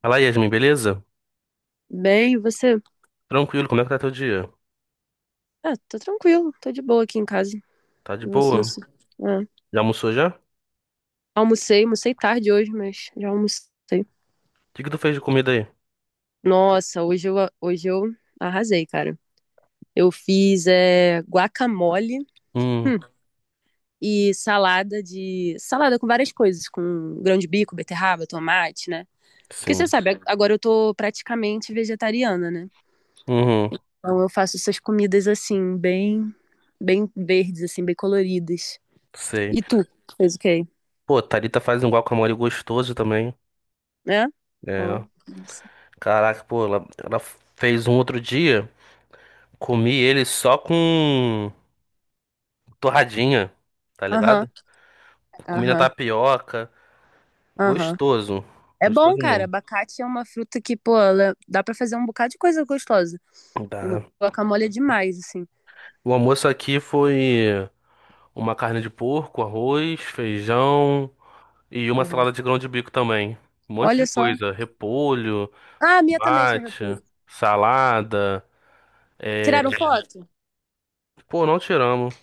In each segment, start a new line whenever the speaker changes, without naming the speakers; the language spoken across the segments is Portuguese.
Fala, Yasmin, beleza?
Bem, e você?
Tranquilo, como é que tá teu dia?
Ah, tô tranquilo, tô de boa aqui em casa.
Tá de
E você?
boa?
Isso. Ah,
Já almoçou já? O
almocei, tarde hoje, mas já almocei.
que que tu fez de comida aí?
Nossa, hoje eu arrasei, cara. Eu fiz guacamole,
Hum,
hum, e salada de. Salada com várias coisas, com grão de bico, beterraba, tomate, né? Porque você
sim.
sabe, agora eu tô praticamente vegetariana, né?
Uhum,
Então eu faço essas comidas assim, bem verdes, assim, bem coloridas.
sei.
E tu, fez o quê?
Pô, Thalita faz um guacamole gostoso também.
Né? Ó,
É.
nossa.
Caraca, pô, ela fez um outro dia, comi ele só com torradinha, tá
Aham,
ligado? Comi na
aham,
tapioca.
aham.
Gostoso.
É bom,
Gostoso
cara.
mesmo.
Abacate é uma fruta que, pô, ela dá pra fazer um bocado de coisa gostosa. O
Tá.
guacamole é demais, assim.
O almoço aqui foi uma carne de porco, arroz, feijão. E uma salada
Aham.
de grão de bico também. Um monte
Olha
de
só.
coisa. Repolho,
Ah, a minha também tinha
mate,
repolho.
salada. É.
Tiraram foto?
Pô, não tiramos.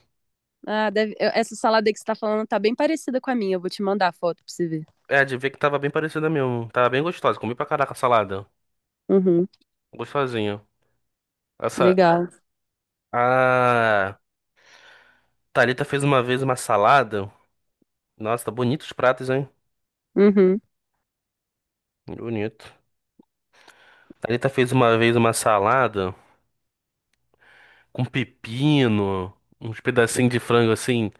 Ah, essa salada aí que você tá falando tá bem parecida com a minha. Eu vou te mandar a foto pra você ver.
É, de ver que tava bem parecida mesmo. Tava bem gostosa. Comi pra caraca a salada.
Uhum,
Gostosinho. Essa.
legal.
A Thalita fez uma vez uma salada. Nossa, tá bonito os pratos, hein?
Uhum.
Bonito. Thalita fez uma vez uma salada com pepino, uns pedacinhos de frango assim,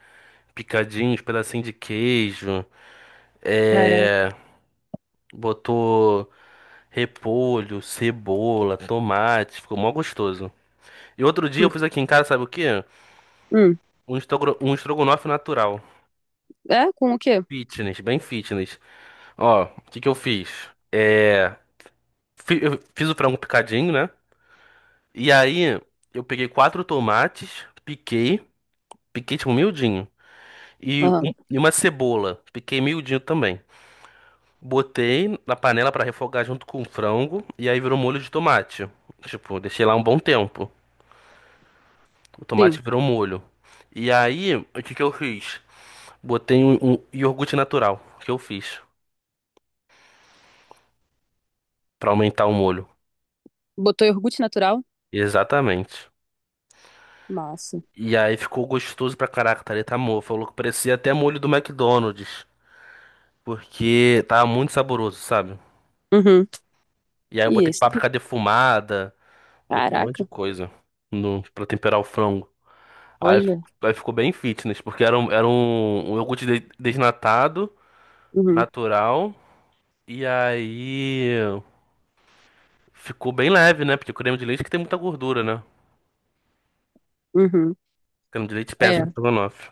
picadinhos, pedacinho de queijo. É.
Caraca.
Botou. Repolho, cebola, tomate, ficou mó gostoso. E outro dia eu fiz aqui em casa, sabe o quê?
Hum.
Um estrogonofe natural.
É? Com o quê?
Fitness, bem fitness. Ó, o que que eu fiz? É... Eu fiz o frango picadinho, né? E aí eu peguei quatro tomates, piquei, tipo miudinho. E,
Aham.
um- e uma cebola, piquei miudinho também. Botei na panela pra refogar junto com o frango e aí virou molho de tomate. Tipo, deixei lá um bom tempo. O tomate
Sim.
virou molho. E aí, o que que eu fiz? Botei um iogurte natural, que eu fiz, pra aumentar o molho.
Botou iogurte natural?
Exatamente.
Massa.
E aí ficou gostoso pra caraca, Thalita mo Falou que parecia até molho do McDonald's, porque tava muito saboroso, sabe?
Uhum.
E aí eu
E
botei
esse?
páprica defumada, botei um monte de
Caraca.
coisa no, pra temperar o frango. Aí, fi-
Olha.
aí ficou bem fitness, porque era um iogurte desnatado,
Uhum.
natural. E aí, ficou bem leve, né? Porque o creme de leite que tem muita gordura, né? O
Uhum.
creme de leite pesa no
É.
estrogonofe.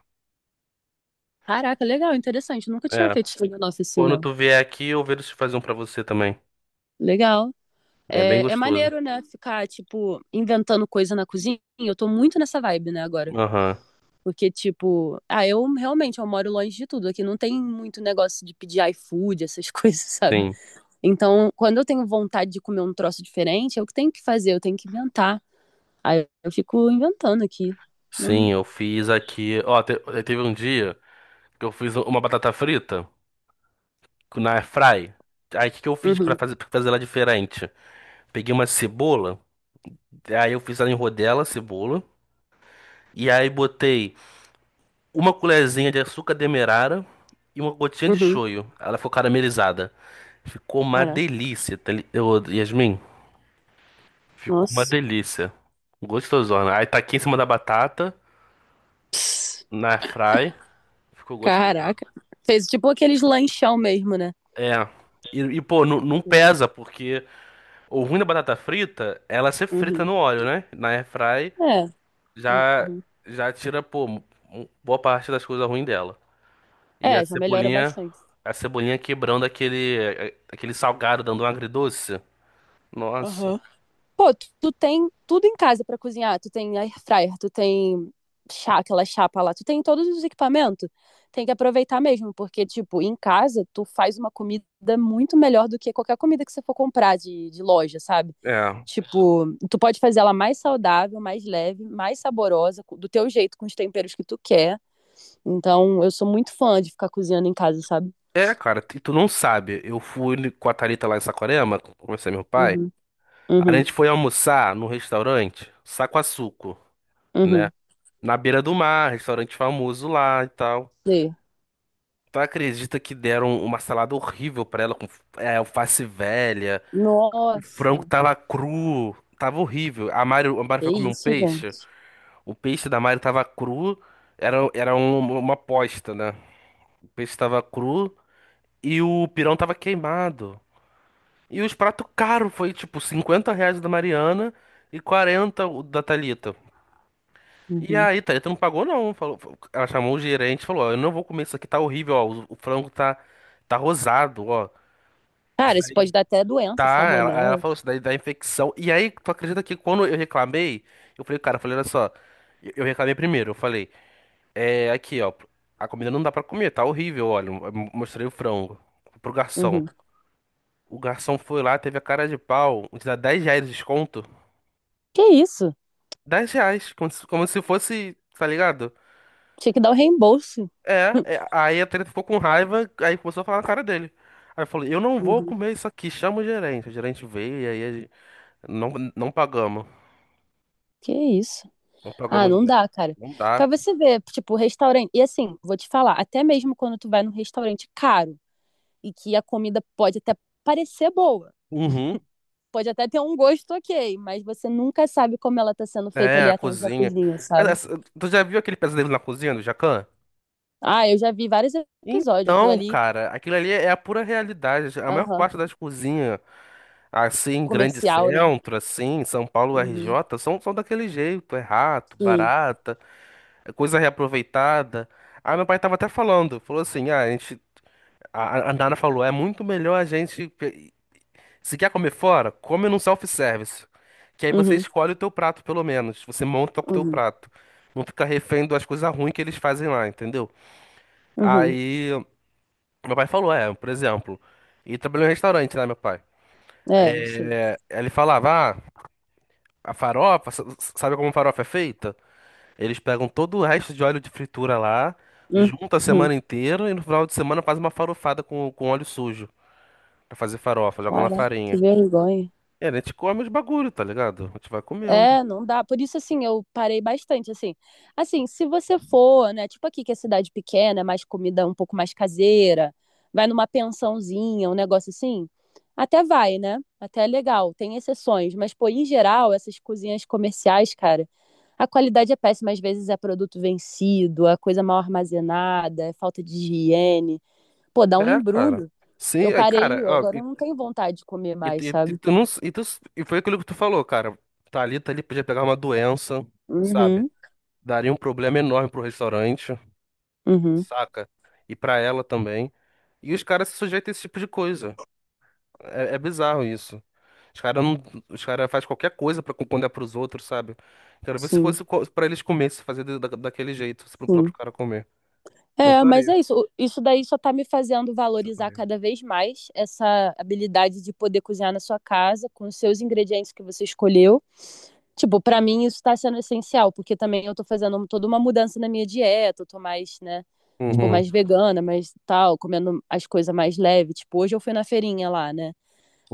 Caraca, legal, interessante. Nunca tinha
É.
feito estudo na
Quando
oficina.
tu vier aqui, eu vejo se faz um pra você também.
Legal.
É bem
É, é
gostoso.
maneiro, né? Ficar, tipo, inventando coisa na cozinha. Eu tô muito nessa vibe, né, agora.
Aham.
Porque, tipo, ah, eu realmente eu moro longe de tudo. Aqui não tem muito negócio de pedir iFood, essas coisas, sabe?
Sim.
Então, quando eu tenho vontade de comer um troço diferente, é o que tenho que fazer, eu tenho que inventar. Aí eu fico inventando aqui. Hum,
Sim, eu fiz aqui. Ó, teve um dia que eu fiz uma batata frita na air fry. Aí o que que eu fiz pra
Uhum,
fazer, pra fazer ela diferente? Peguei uma cebola, aí eu fiz ela em rodela, cebola, e aí botei uma colherzinha de açúcar demerara e uma gotinha de
uhum.
shoyu. Ela ficou caramelizada. Ficou uma
Caraca,
delícia, Ô, Yasmin. Ficou uma
nossa.
delícia. Gostosona. Aí tá aqui em cima da batata, na air fry. Ficou gostosona.
Caraca. Fez tipo aqueles lanchão mesmo, né?
É. Pô, não, não pesa, porque o ruim da batata frita, é ela ser frita
Uhum.
no óleo, né? Na air fry
É.
já,
Uhum.
já tira, pô, boa parte das coisas ruins dela. E a
É, já melhora
cebolinha,
bastante.
a cebolinha quebrando aquele salgado, dando um agridoce. Nossa.
Aham. Pô, tu tem tudo em casa pra cozinhar. Tu tem air fryer, tu tem chá, aquela chapa lá, tu tem todos os equipamentos. Tem que aproveitar mesmo, porque, tipo, em casa tu faz uma comida muito melhor do que qualquer comida que você for comprar de loja, sabe?
É.
Tipo, tu pode fazer ela mais saudável, mais leve, mais saborosa, do teu jeito, com os temperos que tu quer. Então, eu sou muito fã de ficar cozinhando em casa, sabe?
É, cara, e tu não sabe. Eu fui com a Thalita lá em Saquarema, conversei com meu pai.
Uhum,
A
uhum,
gente foi almoçar num restaurante, Saquaçuco, né?
uhum.
Na beira do mar, restaurante famoso lá e tal.
Sei.
Tu acredita que deram uma salada horrível pra ela, com alface velha, o frango
Nossa,
tava cru, tava horrível. A Mário
é
foi comer um
isso,
peixe.
gente.
O peixe da Mari tava cru, era uma aposta, né? O peixe tava cru e o pirão tava queimado. E os pratos caros, foi tipo R$ 50 da Mariana e 40 o da Thalita. E
Uhum.
aí, Thalita não pagou não, falou, ela chamou o gerente e falou, ó, eu não vou comer isso aqui, tá horrível, ó, o frango tá rosado, ó.
Cara,
Isso
isso
aí
pode dar até
tá,
doença,
aí ela
salmonela.
falou, isso daí dá infecção. E aí, tu acredita que quando eu reclamei, eu falei, cara, eu falei, olha só, eu reclamei primeiro, eu falei, é, aqui, ó. A comida não dá pra comer, tá horrível, olha. Eu mostrei o frango pro garçom.
Uhum.
O garçom foi lá, teve a cara de pau, de dar R$ 10 de desconto.
Que isso?
R$ 10, como se fosse, tá ligado?
Tinha que dar o reembolso.
Aí a treta ficou com raiva, aí começou a falar na cara dele. Aí eu falei, eu não vou
Uhum.
comer isso aqui, chama o gerente. O gerente veio e aí não, não pagamos.
Que isso?
Não
Ah,
pagamos
não
dela.
dá, cara.
Não dá.
Pra você ver, tipo, restaurante. E assim, vou te falar, até mesmo quando tu vai num restaurante caro e que a comida pode até parecer boa,
Uhum.
pode até ter um gosto ok, mas você nunca sabe como ela tá sendo feita
É,
ali
a
atrás da
cozinha.
cozinha, sabe?
Essa- Tu já viu aquele pesadelo na cozinha do Jacan?
Ah, eu já vi vários episódios, aquilo
Então,
ali,
cara, aquilo ali é a pura realidade. A maior
aham,
parte das cozinhas, assim, em grande
comercial, né?
centro, assim, em São Paulo,
Uhum,
RJ, são daquele jeito. É rato,
sim.
barata, é coisa reaproveitada. Ah, meu pai tava até falando, falou assim, ah, a Nana falou, é muito melhor a gente, se quer comer fora, come num self-service. Que aí você
Uhum,
escolhe o teu prato, pelo menos. Você monta o teu
uhum,
prato. Não fica refém das coisas ruins que eles fazem lá, entendeu?
uhum.
Aí meu pai falou, é, por exemplo. E trabalhou em restaurante, né, meu pai?
É, eu sei.
Ele falava, ah, a farofa, sabe como farofa é feita? Eles pegam todo o resto de óleo de fritura lá, junta a
Uhum.
semana inteira e no final de semana faz uma farofada com óleo sujo pra fazer farofa, joga na
Caraca, que
farinha.
vergonha.
E a gente come os bagulho, tá ligado? A gente vai comendo.
É, não dá. Por isso, assim, eu parei bastante, assim. Assim, se você for, né, tipo aqui que é cidade pequena, é mais comida um pouco mais caseira, vai numa pensãozinha, um negócio assim, até vai, né? Até é legal, tem exceções. Mas, pô, em geral, essas cozinhas comerciais, cara, a qualidade é péssima. Às vezes é produto vencido, é coisa mal armazenada, é falta de higiene. Pô, dá um
É, cara.
embrulho. Eu
Sim, aí,
parei,
cara,
eu
ó,
agora
e,
não tenho vontade de comer
e,
mais,
e, e
sabe?
tu não, e foi aquilo que tu falou, cara. Tá ali, podia pegar uma doença, sabe?
Uhum,
Daria um problema enorme pro restaurante.
uhum,
Saca? E pra ela também. E os caras se sujeitam a esse tipo de coisa. É bizarro isso. Os caras não, os cara faz qualquer coisa pra contar pros outros, sabe? Quero ver se
sim,
fosse pra eles comer, se fazer daquele jeito, se pro
sim.
próprio cara comer. Não
É, mas
faria.
é isso. Isso daí só tá me fazendo
Isso é
valorizar
faria.
cada vez mais essa habilidade de poder cozinhar na sua casa com os seus ingredientes que você escolheu. Tipo, pra mim isso tá sendo essencial, porque também eu tô fazendo um, toda uma mudança na minha dieta, eu tô mais, né, tipo,
Uhum,
mais vegana, mais tal, comendo as coisas mais leve. Tipo, hoje eu fui na feirinha lá, né?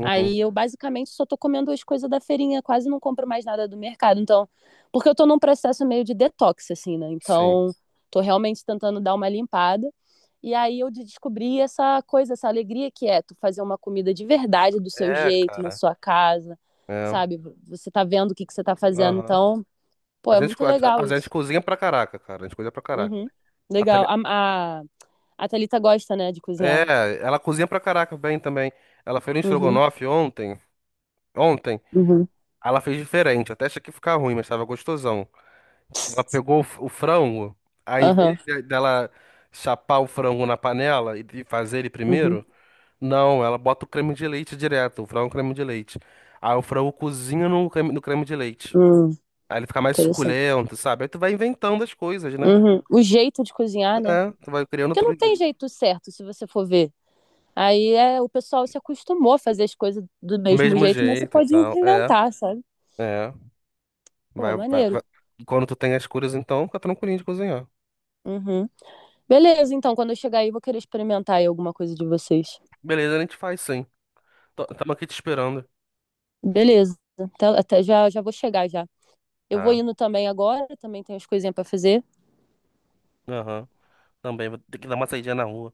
Aí eu basicamente só tô comendo as coisas da feirinha, quase não compro mais nada do mercado. Então, porque eu tô num processo meio de detox, assim, né?
sim.
Então, tô realmente tentando dar uma limpada. E aí eu descobri essa coisa, essa alegria que é tu fazer uma comida de verdade do seu
É,
jeito, na
cara.
sua casa,
É,
sabe? Você tá vendo o que que você tá fazendo.
aham.
Então, pô,
A
é
gente,
muito
co- a,
legal
a gente
isso.
cozinha pra caraca, cara. A gente cozinha pra caraca.
Uhum.
A
Legal.
tele-
A Thalita gosta, né, de cozinhar.
É, ela cozinha pra caraca bem também. Ela fez um
Uhum,
estrogonofe ontem. Ontem.
uhum,
Aí ela fez diferente, até achei que ia ficar ruim, mas tava gostosão. Ela pegou o frango, aí em
aham,
vez dela chapar o frango na panela e fazer ele
uhum.
primeiro, não, ela bota o creme de leite direto, o frango creme de leite. Aí o frango cozinha no creme de leite.
Hum,
Aí ele fica mais
interessante.
suculento, sabe? Aí tu vai inventando as coisas, né?
Uhum. O jeito de cozinhar, né?
É, tu vai criando
Porque não
outro
tem
jeito.
jeito certo, se você for ver. Aí é, o pessoal se acostumou a fazer as coisas do
Do
mesmo
mesmo
jeito, mas você
jeito e
pode
tal. É,
inventar, sabe?
é. Vai,
Pô,
vai, vai.
maneiro.
E quando tu tem as curas, então, fica tranquilinho de cozinhar.
Uhum. Beleza, então, quando eu chegar aí, eu vou querer experimentar aí alguma coisa de vocês.
Beleza, a gente faz sim. Tamo aqui te esperando.
Beleza. Até, até já, já vou chegar já. Eu vou
Tá.
indo também agora, também tenho as coisinhas pra fazer.
Aham. Também vou ter que dar uma saída na rua.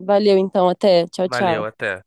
Valeu, então, até. Tchau,
Valeu,
tchau.
até.